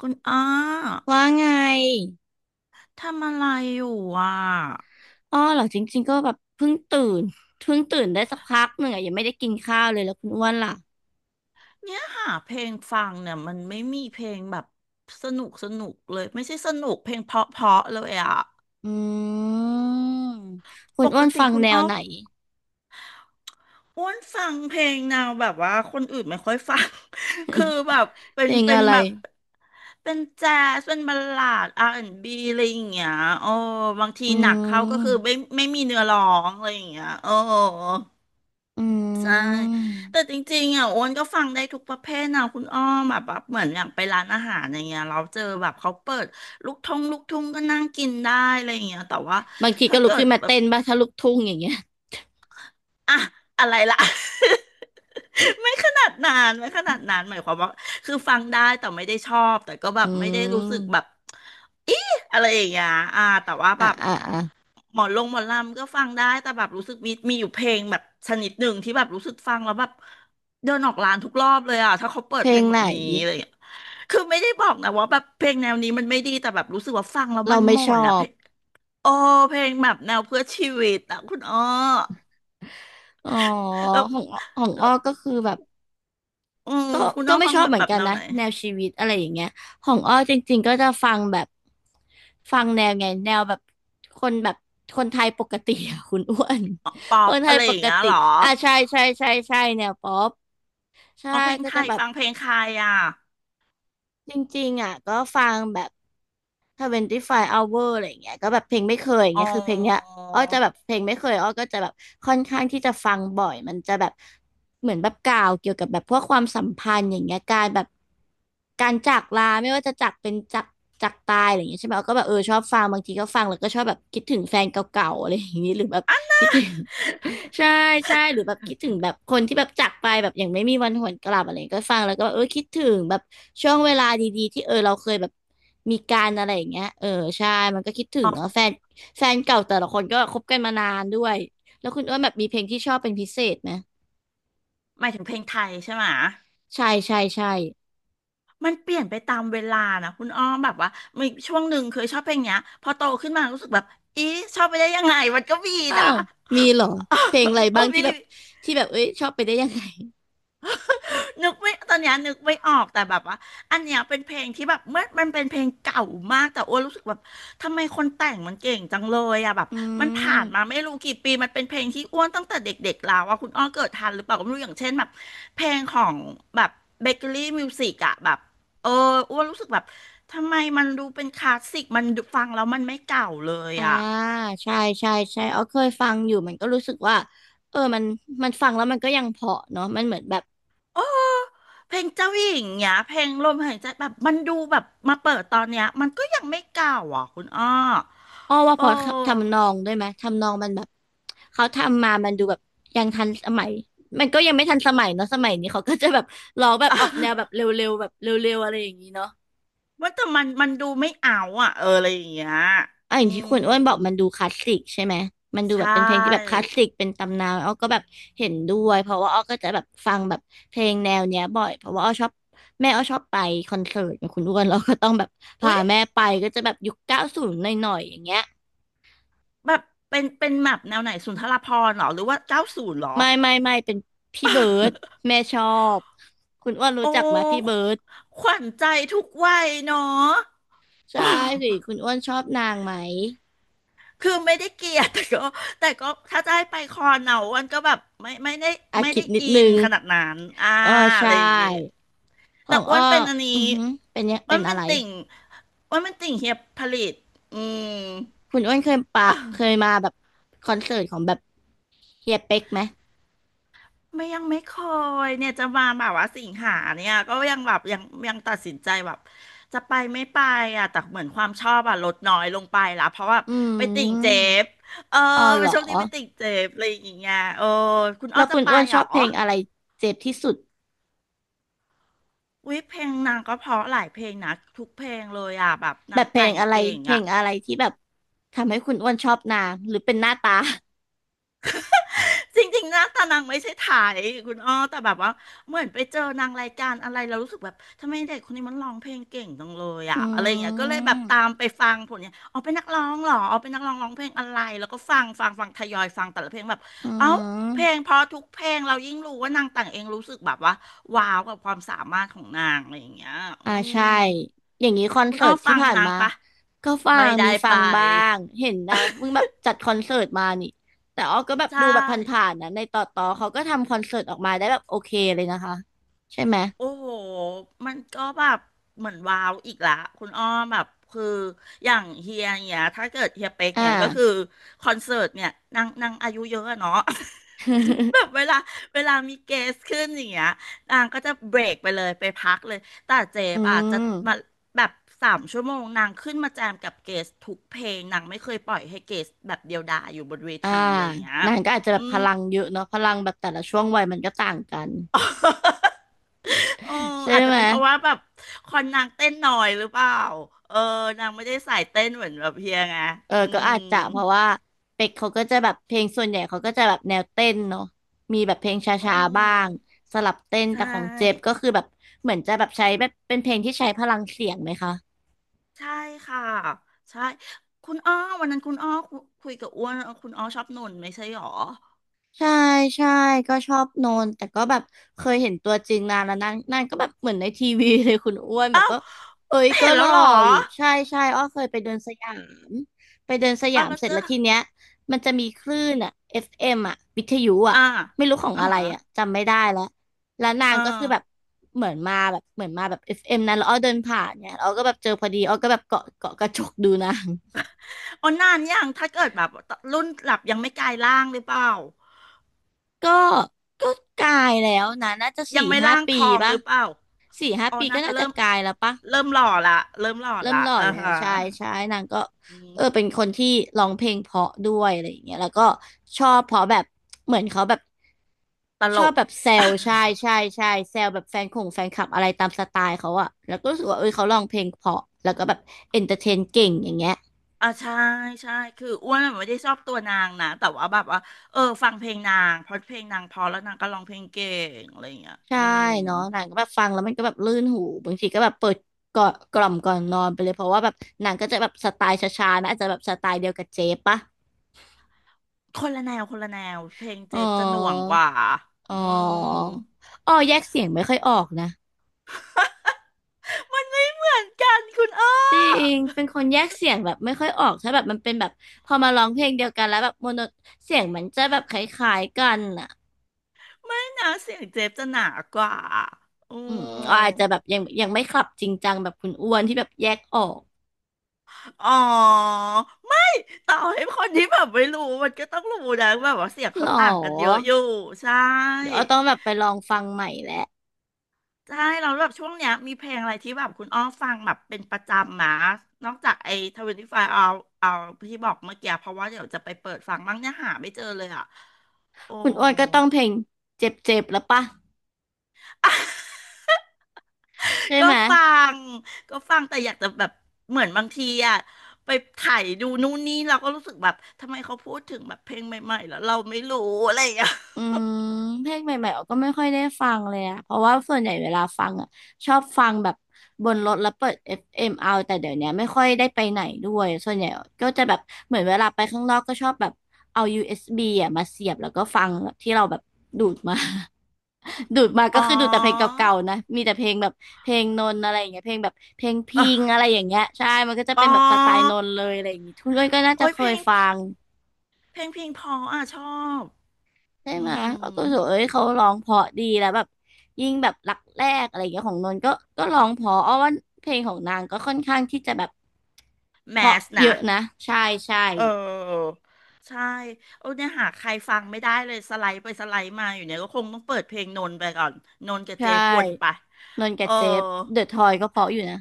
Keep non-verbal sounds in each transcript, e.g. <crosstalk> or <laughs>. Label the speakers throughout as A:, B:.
A: คุณอ้า
B: ว่าไง
A: ทำอะไรอยู่อ่ะ
B: อ้อเหรอจริงๆ ก็แบบเพิ่งตื่นเพิ่งตื่นได้สักพักหนึ่งอะยังไม่ได้กินข้าวเลยแล้วคุณอ้วนล่ะ
A: เนี่ยหาเพลงฟังเนี่ยมันไม่มีเพลงแบบสนุกเลยไม่ใช่สนุกเพลงเพราะเลยอ่ะ
B: อืมคุ
A: ป
B: ณอ้
A: ก
B: วน
A: ติ
B: ฟัง
A: คุณ
B: แนว
A: อ้อฟ
B: ไหน
A: อ้วนฟังเพลงแนวแบบว่าคนอื่นไม่ค่อยฟัง <laughs> คือแบบเป็
B: เพ
A: น
B: ลง
A: เป็น
B: อะไร
A: แบบเป็นแจ๊สเป็นบัลลาด R&B อนด์บีอะไรอย่างเงี้ยโอ้บางที
B: อื
A: หนักเขาก็คือ
B: ม
A: ไม่มีเนื้อร้องอะไรอย่างเงี้ยโอ้
B: อื
A: ใช่แต่
B: ม
A: จริงๆอ่ะโอนก็ฟังได้ทุกประเภทนะคุณอ้อมแบบเหมือนอย่างไปร้านอาหารอย่างเงี้ยเราเจอแบบเขาเปิดลูกทุ่งก็นั่งกินได้อะไรอย่างเงี้ยแต่ว่า
B: บางที
A: ถ้า
B: ก็ลุก
A: เกิด
B: ขึ้นมา
A: แบบ
B: เต้นบ้างถ้าลูกทุ่งอย่างเงี้ย
A: อะอะไรล่ะ <laughs> ไม่ขนาดนานไม่ขนาดนานหมายความว่าคือฟังได้แต่ไม่ได้ชอบแต่ก็แบ
B: อื
A: บไม่ได้รู้สึกแบบ
B: ม
A: อีอะไรอย่างเงี้ยอ่าแต่ว่าแบ
B: อ่ะ
A: บ
B: อ่ะอ่ะ
A: หมอนลงหมอนลำก็ฟังได้แต่แบบรู้สึกมีอยู่เพลงแบบชนิดหนึ่งที่แบบรู้สึกฟังแล้วแบบเดินออกร้านทุกรอบเลยอ่ะถ้าเขาเปิ
B: เพ
A: ด
B: ล
A: เพลง
B: ง
A: แบ
B: ไห
A: บ
B: น
A: นี้อะไรอย่างเงี้ยคือไม่ได้บอกนะว่าแบบเพลงแนวนี้มันไม่ดีแต่แบบรู้สึกว่าฟังแล้วมั
B: เรา
A: นห
B: ไม่
A: ม่
B: ช
A: น
B: อ
A: อ่ะเพ
B: บ
A: ลงโอ้เพลงแบบแนวเพื่อชีวิตอ่ะคุณอ้อ
B: อ๋อ
A: แล้ว
B: ของของอ้อก็คือแบบ
A: อือ
B: ก็
A: คุณน้
B: ก็
A: อง
B: ไม่
A: ฟัง
B: ชอบเหมื
A: แบ
B: อน
A: บ
B: กัน
A: แนว
B: นะ
A: ไหน
B: แนวชีวิตอะไรอย่างเงี้ยของอ้อจริงๆก็จะฟังแบบฟังแนวไงแนวแบบคนแบบคนไทยปกติอะคุณอ้วน
A: อ๋อป๊อ
B: <laughs> ค
A: ป
B: นไท
A: อะ
B: ย
A: ไร
B: ป
A: อย่าง
B: ก
A: เงี้ย
B: ติ
A: เหรอ
B: อ่ะใช่ใช่ใช่ใช่แนวป๊อปใช่
A: อ๋อเพลง
B: ก็
A: ไท
B: จะ
A: ย
B: แบบ
A: ฟังเพลงใครอ่ะ
B: จริงๆอ่ะก็ฟังแบบ 25 hour อะไรอย่างเงี้ยก็แบบเพลงไม่เคยอย่าง
A: อ๋อ
B: เงี้ยคือเพลงเนี้ยอ้อจะแบบเพลงไม่เคยอ้อก็จะแบบค่อนข้างที่จะฟังบ่อยมันจะแบบเหมือนแบบกล่าวเกี่ยวกับแบบพวกความสัมพันธ์อย่างเงี้ยการแบบการจากลาไม่ว่าจะจากเป็นจากจากตายอะไรอย่างเงี้ยใช่ไหมอ้อก็แบบเออชอบฟังบางทีก็ฟังแล้วก็ชอบแบบคิดถึงแฟนเก่าๆอะไรอย่างงี้หรือแบบคิดถึง ใช่ใช่หรือแบบคิดถึงแบบคนที่แบบจากไปแบบอย่างไม่มีวันหวนกลับอะไรอย่างเงี้ยก็ฟังแล้วก็แบบเออคิดถึงแบบช่วงเวลาดีๆที่เออเราเคยแบบมีการอะไรอย่างเงี้ยเออใช่มันก็คิดถึงเนาะแฟนแฟนเก่าแต่ละคนก็คบกันมานานด้วยแล้วคุณอ้วนแบบมีเพลงที่ชอบเป็นพิเศษไหม
A: หมายถึงเพลงไทยใช่ไหมะ
B: ใช่ใช่ใช่
A: มันเปลี่ยนไปตามเวลานะคุณอ้อมแบบว่ามีช่วงหนึ่งเคยชอบเพลงเนี้ยพอโตขึ้นมารู้สึกแบบอีชอบไปได้ยังไงมันก็มี
B: อ้า
A: นะ
B: วมีเหรอเพลงอะไร
A: <laughs> โอ้
B: บ้าง
A: มี
B: ที่แบบที่แบบเอ้ยชอบไปได้ยังไง
A: นึกไม่ตอนเนี้ยนึกไม่ออกแต่แบบว่าอันเนี้ยเป็นเพลงที่แบบเมื่อมันเป็นเพลงเก่ามากแต่โอ้วนรู้สึกแบบทำไมคนแต่งมันเก่งจังเลยอะแบบ
B: อื
A: มันผ่า
B: ม
A: นมาไม่รู้กี่ปีมันเป็นเพลงที่อ้วนตั้งแต่เด็กๆแล้วอะคุณอ้อเกิดทันหรือเปล่าก็ไม่รู้อย่างเช่นแบบเพลงของแบบเบเกอรี่มิวสิกอะแบบเอออ้วนรู้สึกแบบทำไมมันดูเป็นคลาสสิกมันดูฟังแล้วมันไม่เก่าเลย
B: อ่า
A: อะ
B: ใช่ใช่ใช่อ๋อเคยฟังอยู่มันก็รู้สึกว่าเออมันมันฟังแล้วมันก็ยังเพราะเนาะมันเหมือนแบบ
A: เออ เพลงเจ้าหญิงเนี้ยเพลงลมหายใจแบบมันดูแบบมาเปิดตอนเนี้ยมันก็ยังไม่เก่าอ่ะคุณอ้อ
B: อ้อว่าเพ
A: โอ้
B: ราะทำนองด้วยไหมทำนองมันแบบเขาทำมามันดูแบบยังทันสมัยมันก็ยังไม่ทันสมัยเนาะสมัยนี้เขาก็จะแบบร้องแบบออกแนวแบบเร
A: <laughs>
B: ็วๆแบบเร็วๆอะไรอย่างนี้เนาะ
A: ว่าแต่มันดูไม่เอาอ่ะเอออะไรอย่างเงี้ย
B: อ่ะอ
A: อื
B: ย่างที่
A: ม
B: คุณอ้วนบอกมันดูคลาสสิกใช่ไหมมันดูแบ
A: ใช่
B: บเป็นเพลงที่แบบคลาสสิกเป็นตำนานอ้อก็แบบเห็นด้วยเพราะว่าอ้อก็จะแบบฟังแบบเพลงแนวเนี้ยบ่อยเพราะว่าอ้อชอบแม่อ้อชอบไปคอนเสิร์ตกับคุณอ้วนเราก็ต้องแบบพา
A: อุ๊ย
B: แม่ไปก็จะแบบยุค90หน่อยๆอย่างเงี้ย
A: แบบเป็นแบบแนวไหนสุนทรภรณ์เหรอหรือว่าเก้าศูนย์เหรอ
B: ไม่เป็นพี่เบิร์ดแม่ชอบคุณอ้วน
A: <laughs>
B: รู้
A: โอ้
B: จักไหมพี่เบิร์ด
A: ขวัญใจทุกวัยเนาะ
B: ใช่สิ
A: <laughs>
B: คุณอ้วนชอบนางไหม
A: คือไม่ได้เกลียดแต่ก็ถ้าจะให้ไปคอนเอา้วันก็แบบไม่ได้
B: อ่ะ
A: ไม่
B: คิ
A: ได้
B: ดนิด
A: อิ
B: นึ
A: น
B: ง
A: ขนาดนั้นอ่า
B: เออใช
A: อะไรอย่างงี้
B: ่ข
A: แต่
B: อง
A: อ้ว
B: อ้
A: น
B: อ
A: เป็นอัน
B: อื
A: นี้
B: อหือเป็นเนี่ย
A: อ้ว
B: เป็
A: น
B: นอะ
A: เป็น
B: ไร
A: ติ่งอ้วนเป็นติ่งเฮียผลิตอืม
B: คุณอ้วนเคยปะเคยมาแบบคอนเสิร์ตของแบบเฮียเป๊กไหม
A: ไม่ยังไม่เคยเนี่ยจะมาแบบว่าสิงหาเนี่ยก็ยังแบบยังยังตัดสินใจแบบจะไปไม่ไปอ่ะแต่เหมือนความชอบอ่ะลดน้อยลงไปละเพราะว่า
B: อื
A: ไปติ่งเจ
B: ม
A: ฟเออ
B: อ๋อ
A: ไป
B: เหรอ
A: ช่วงนี้ไปติ่งเจฟอะไรอย่างเงี้ยเออคุณอ้อ
B: แล้ว
A: จะ
B: คุณ
A: ไป
B: อ้วน
A: เห
B: ช
A: ร
B: อ
A: อ
B: บเพลงอะไรเจ็บที่สุด
A: วิเพลงนางก็เพราะหลายเพลงนะทุกเพลงเลยอ่ะแบบ
B: แบ
A: นาง
B: บเพล
A: แต่
B: ง
A: ง
B: อะไร
A: เก่ง
B: เพล
A: อ่ะ
B: งอะไรที่แบบทำให้คุณอ้วนชอบนางหรือเป็นหน้าตา
A: <laughs> จริงๆนะแต่นางไม่ใช่ไถ่ายคุณอ้อแต่แบบว่าเหมือนไปเจอนางรายการอะไรเรารู้สึกแบบทำไมเด็กคนนี้มันร้องเพลงเก่งจังเลย
B: อื
A: อ่ะอะไรอย่างเงี้ยก็เลยแบบตาม
B: ม
A: ไปฟังผลเนี่ยอ๋อเป็นนักร้องเหรออ๋อเป็นนักร้องร้องเพลงอะไรแล้วก็ฟังทยอยฟังแต่ละเพลงแบบ
B: อื
A: เอ้า
B: ม
A: เพลงเพราะทุกเพลงเรายิ่งรู้ว่านางแต่งเองรู้สึกแบบว่าว้าวกับความสามารถของนางอะไรอย่างเงี้ยอื
B: อ่าใช่
A: ม
B: อย่างนี้คอน
A: คุณ
B: เสิ
A: อ้อ
B: ร์ต
A: ฟั
B: ที่
A: ง
B: ผ่าน
A: นาง
B: มา
A: ปะ
B: ก็ฟั
A: ไม่
B: ง
A: ได้
B: มีฟั
A: ไป
B: งบ้างเห็นนางเพิ่งแบบจัดคอนเสิร์ตมานี่แต่อ้อก็แบบ
A: ใช่
B: ดูแบบผ่านๆนะในต่อเขาก็ทำคอนเสิร์ตออกมาได้แบบโอเคเลยนะคะใช่ไหม
A: โอ้โหมันก็แบบเหมือนว้าวอีกละคุณอ้อมแบบคืออย่างเฮียเนี่ยถ้าเกิดเฮียเป็ก
B: อ่า
A: เนี่ยก็คือคอนเสิร์ตเนี่ยนางอายุเยอะอะเนาะ <laughs> แบบเว
B: <laughs>
A: ลาเวลามีเกสขึ้นอย่างเงี้ยนางก็จะเบรกไปเลยไปพักเลยแต่เจ๊
B: อื
A: ป่ะจะ
B: ม
A: มาแบบ3 ชั่วโมงนางขึ้นมาแจมกับเกสทุกเพลงนางไม่เคยปล่อยให้เกสแบบเดียวดายอยู่บนเว
B: อ่า
A: ทีอะไรอย่างเงี้ย
B: นางก็อาจจะแบ
A: อื
B: บพ
A: ม
B: ลังเยอะเนาะพลังแบบแต่ละช่วงวัยมันก็ต่างกัน
A: <laughs> เออ
B: <laughs> ใช่
A: อาจจะ
B: ไหม
A: เป็นเพราะว่าแบบคอนนางเต้นหน่อยหรือเปล่าเออนางไม่ได้สายเต้นเหมือนแบบเฮียไง
B: เออ
A: อื
B: ก็อาจ
A: ม
B: จะเพราะว่าเป็กเขาก็จะแบบเพลงส่วนใหญ่เขาก็จะแบบแนวเต้นเนาะมีแบบเพลงช
A: อื
B: ้าๆบ้าง
A: ม
B: สลับเต้น
A: ใช
B: แต่ของเจฟก็
A: ่
B: คือแบบเหมือนจะแบบใช้แบบเป็นเพลงที่ใช้พลังเสียงไหมคะ
A: ใช่ค่ะใช่คุณอ้อวันนั้นคุณอ้อคุยกับอ้วนคุณอ้อชอบหนุ่นไม่ใช่หรอ
B: ใช่ใช่ก็ชอบโนนแต่ก็แบบเคยเห็นตัวจริงนานแล้วนางนางก็แบบเหมือนในทีวีเลยคุณอ้วนแบบ
A: อ้าว
B: ก็เอ้ยก็
A: เห็น
B: ห
A: แล้
B: ล่
A: ว
B: อ
A: เหรอ
B: อยู่ใช่ใช่อ้อเคยไปเดินสยามไปเดินสยา
A: อ้าว
B: ม
A: แล้ว
B: เสร็
A: เจ
B: จ
A: อ
B: แล้วทีเนี้ยมันจะมีคลื่นอ่ะ FM อฟเอ็มอ่ะวิทยุอ่ะ
A: อ่า
B: ไม่รู้ของอะไร
A: ฮะ
B: อ่ะจำไม่ได้แล้วแล้วนาง
A: อ่า
B: ก็คือแบบเหมือนมาแบบเหมือนมาแบบ FM นั้นแล้วอ้อเดินผ่านเนี่ยแล้วอ้อก็แบบเจอพอดีอ้อก็แบบเกาะเกาะกระจกดูนาง
A: อ๋อนานยังถ้าเกิดแบบรุ่นหลับยังไม่กลายร่างหรือเปล่า
B: ก็ก็กลายแล้วนะน่าจะ
A: ยั
B: สี่
A: งไม่
B: ห้า
A: ร่าง
B: ปี
A: ทองห
B: ปะ
A: รือเปล่า
B: สี่ห้า
A: อ๋อ
B: ปี
A: นา
B: ก็
A: งก็
B: น่าจะ
A: เริ่ม
B: กลายแล้วปะ
A: เริ่มหล่อละเริ่มหล่อ
B: เริ่ม
A: ละ
B: หล่อ
A: อ่า
B: แล้ว
A: ฮะ
B: ใช่ใช่นางก็
A: อืม
B: เออเป็นคนที่ร้องเพลงเพราะด้วยอะไรอย่างเงี้ยแล้วก็ชอบเพราะแบบเหมือนเขาแบบ
A: ต
B: ช
A: ล
B: อบ
A: ก <laughs>
B: แบบแซวใช่ใช่ใช่แซวแบบแฟนคงแฟนคลับอะไรตามสไตล์เขาอะแล้วก็รู้สึกว่าเออเขาร้องเพลงเพราะแล้วก็แบบเอนเตอร์เทนเก่งอย่างเงี้ย
A: อ่าใช่ใช่คืออ้วนไม่ได้ชอบตัวนางนะแต่ว่าแบบว่าเออฟังเพลงนางเพราะเพลงนางเพอแล้วนางก็ร้องเพลงเก่งอะไรอย่างเงี้ย
B: ใช่
A: อืม
B: เนาะหนังก็แบบฟังแล้วมันก็แบบลื่นหูบางทีก็แบบเปิดก่อนกล่อมก่อนนอนไปเลยเพราะว่าแบบหนังก็จะแบบสไตล์ช้าๆนะอาจจะแบบสไตล์เดียวกับเจ๊ปะ
A: คนละแนวคนละแนวเพลงเจ
B: อ๋อ
A: ฟจะหน่วงกว่า
B: อ๋
A: อื
B: อ
A: ม
B: อ๋อแยกเสียงไม่ค่อยออกนะ
A: มันไม่เหมือนกันคุณอ้อ
B: จริงเป็นคนแยกเสียงแบบไม่ค่อยออกถ้าแบบมันเป็นแบบพอมาร้องเพลงเดียวกันแล้วแบบโมโนเสียงมันจะแบบคล้ายๆกันอ่ะ
A: ไม่นะเสียงเจฟจะหนากว่าอื
B: อืมอาจจะแบ
A: ม
B: บยังไม่คลับจริงจังแบบคุณอ้วนที่แบบแยกออก
A: อ๋อ ต่อให้คนที่แบบไม่รู้ มันก็ต้องรู้นะ แบบว่าเสียง
B: หร
A: เขา
B: อ
A: ต่างกันเยอะอยู่ ใช่
B: เดี๋ยวเอต้องแบบไปลองฟังใหม่แล้ว
A: ใช่ เราแล้วแบบช่วงเนี้ยมีเพลงอะไรที่แบบคุณอ้อฟังแบบเป็นประจำมานอกจากไอ้ทเวนตี้ไฟว์เอาที่บอกเมื่อกี้เพราะว่าเดี๋ยวจะไปเปิดฟังบ้างเนี่ยหาไม่เจอเลยอ่ะโอ้
B: คุณอ้วนก็ต้องเพลงเจ็บๆแล้วปะ
A: <laughs>
B: ใช่
A: ก็
B: ไหม
A: ฟังก็ฟังแต่อยากจะแบบเหมือนบางทีอะไปไถ่ายดูนู่นนี่เราก็รู้สึกแบบทำไมเขาพูดถึงแบบเพลงใหม่ๆแล้วเราไม่รู้อะไรอย่างเงี้ย
B: อืมเพลงใหม่ๆออกก็ไม่ค่อยได้ฟังเลยอะเพราะว่าส่วนใหญ่เวลาฟังอะชอบฟังแบบบนรถแล้วเปิดเอฟเอมเอาแต่เดี๋ยวเนี้ยไม่ค่อยได้ไปไหนด้วยส่วนใหญ่ก็จะแบบเหมือนเวลาไปข้างนอกก็ชอบแบบเอา USB อสบีอะมาเสียบแล้วก็ฟังแบบที่เราแบบดูดมา <laughs> ดูดมา
A: อ๋
B: ก็
A: อ
B: คือดูดแต่เพลงเก่าๆนะมีแต่เพลงแบบเพลงนนท์อะไรอย่างเงี้ยเพลงแบบเพลง
A: อ๋
B: พิ
A: อ
B: งอะไรอย่างเงี้ยใช่มันก็จะ
A: อ๋อ
B: เป็นแบบสไตล์นนท์เลยอะไรอย่างงี้ทุกคนก็น่าจะ
A: โอ้ย
B: เค
A: เพล
B: ย
A: ง
B: ฟั
A: พี่
B: ง
A: เพลงเพออ่ะชอบ
B: ใช่
A: อื
B: ไหมก็
A: ม
B: ก็รู้สึกวเอ้ยเขาร้องเพราะดีแล้วแบบยิ่งแบบรักแรกอะไรอย่างเงี้ยของนนท์ก็ก็ร้องเพราะอ้อว่าเพลงของนางก็ค่อนข้างที่จะแบบ
A: แม
B: เพราะ
A: ส
B: เย
A: นะ
B: อะนะใช่ใช่
A: เออ ใช่โอ้เนี่ยหาใครฟังไม่ได้เลย สไลด์ไปสไลด์มา อยู่เนี่ยก็คงต้องเปิดเพลงนนท์ไปก่อนนนท์กับ
B: ใช
A: เจฟวนไป
B: ่นนท์กั
A: เอ
B: บ
A: อ
B: เจฟเดอะทอยก็เพราะอยู่นะ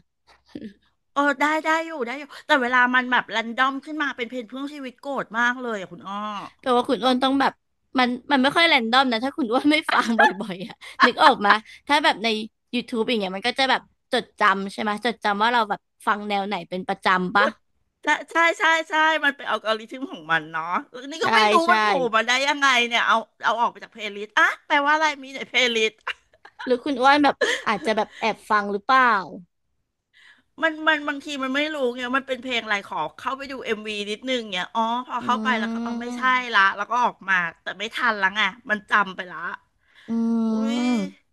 A: เออได้ ได้อยู่แต่เวลามันแบบ รันดอมขึ้นมา เป็นเพลงเพื่อชีวิตโกรธมากเลยอ่ะคุณอ้อ
B: แต่ว่าคุณ
A: ต้
B: อ้
A: อ
B: ว
A: ง
B: นต้องแบบมันไม่ค่อยแรนดอมนะถ้าคุณอ้วนไม่ฟังบ่อยๆอ่ะนึกออกมาถ้าแบบใน YouTube อย่างเงี้ยมันก็จะแบบจดจำใช่ไหมจดจำว่าเราแบบฟังแนวไหนเป็นประจำปะ
A: ใช่มันเป็นอัลกอริทึมของมันเนาะเออนี่ก็
B: ใช่
A: ไม่รู้มั
B: ใช่
A: นโผล่มาได้ยังไงเนี่ยเอาออกไปจากเพลย์ลิสต์อ่ะแปลว่าอะไรมีในเพลย์ลิสต์
B: หรือคุณอ้วนแบบอาจจะแบบแอบฟังหรือเปล่า
A: <laughs> มันบางทีมันไม่รู้ไงมันเป็นเพลงอะไรขอเข้าไปดูเอ็มวีนิดนึงเนี่ยอ๋อพอ
B: อื
A: เข้าไปแล้วก็อ๋อไม่ใช่ละ
B: ม
A: แล้วก็ออกมาแต่ไม่ทันละไงมันจำไปละ
B: อื
A: อุ้ย
B: ม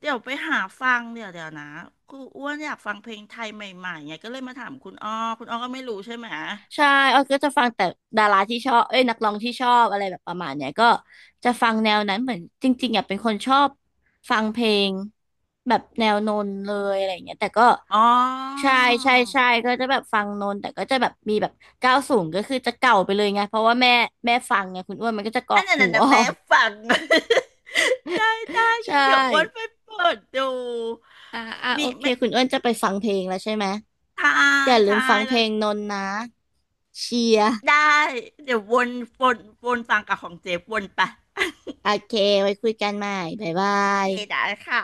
A: เดี๋ยวไปหาฟังเดี๋ยวนะกูอ้วนอยากฟังเพลงไทยใหม่ๆไงก็เลยมาถามคุณอ้อคุณอ้อก็ไม่รู้ใช่ไหม
B: ใช่ออยก็จะฟังแต่ดาราที่ชอบเอ้ยนักร้องที่ชอบอะไรแบบประมาณเนี้ยก็จะฟังแนวนั้นเหมือนจริงๆอยากเป็นคนชอบฟังเพลงแบบแนวนนเลยอะไรอย่างเงี้ยแต่ก็
A: อ๋อ
B: ใช่ใช่ใช่ก็จะแบบฟังนนแต่ก็จะแบบมีแบบก้าวสูงก็คือจะเก่าไปเลยไงเพราะว่าแม่ฟังไงคุณอ้วนมันก็จะกรอ
A: อัน
B: ก
A: นั้น
B: หู
A: น่ะ
B: อ
A: นะ
B: อ
A: แม่
B: ก
A: ฟัง <laughs> ได้ได้
B: <laughs> ใช
A: งั้นเดี๋ยวอ้วนไป
B: ่
A: เปิดดู
B: อ่าอ่า
A: มี
B: โอเค
A: ไม่
B: คุณอ้วนจะไปฟังเพลงแล้วใช่ไหม
A: ทา
B: อย่าลื
A: ทา
B: มฟัง
A: ย
B: เพ
A: แล้
B: ล
A: ว
B: งนนนะเชียร์
A: ได้เดี๋ยววนวนฟังกับของเจฟวนไป
B: โอเคไว้คุยกันใหม่บ๊ายบา
A: <laughs> โอเค
B: ย
A: ได้ค่ะ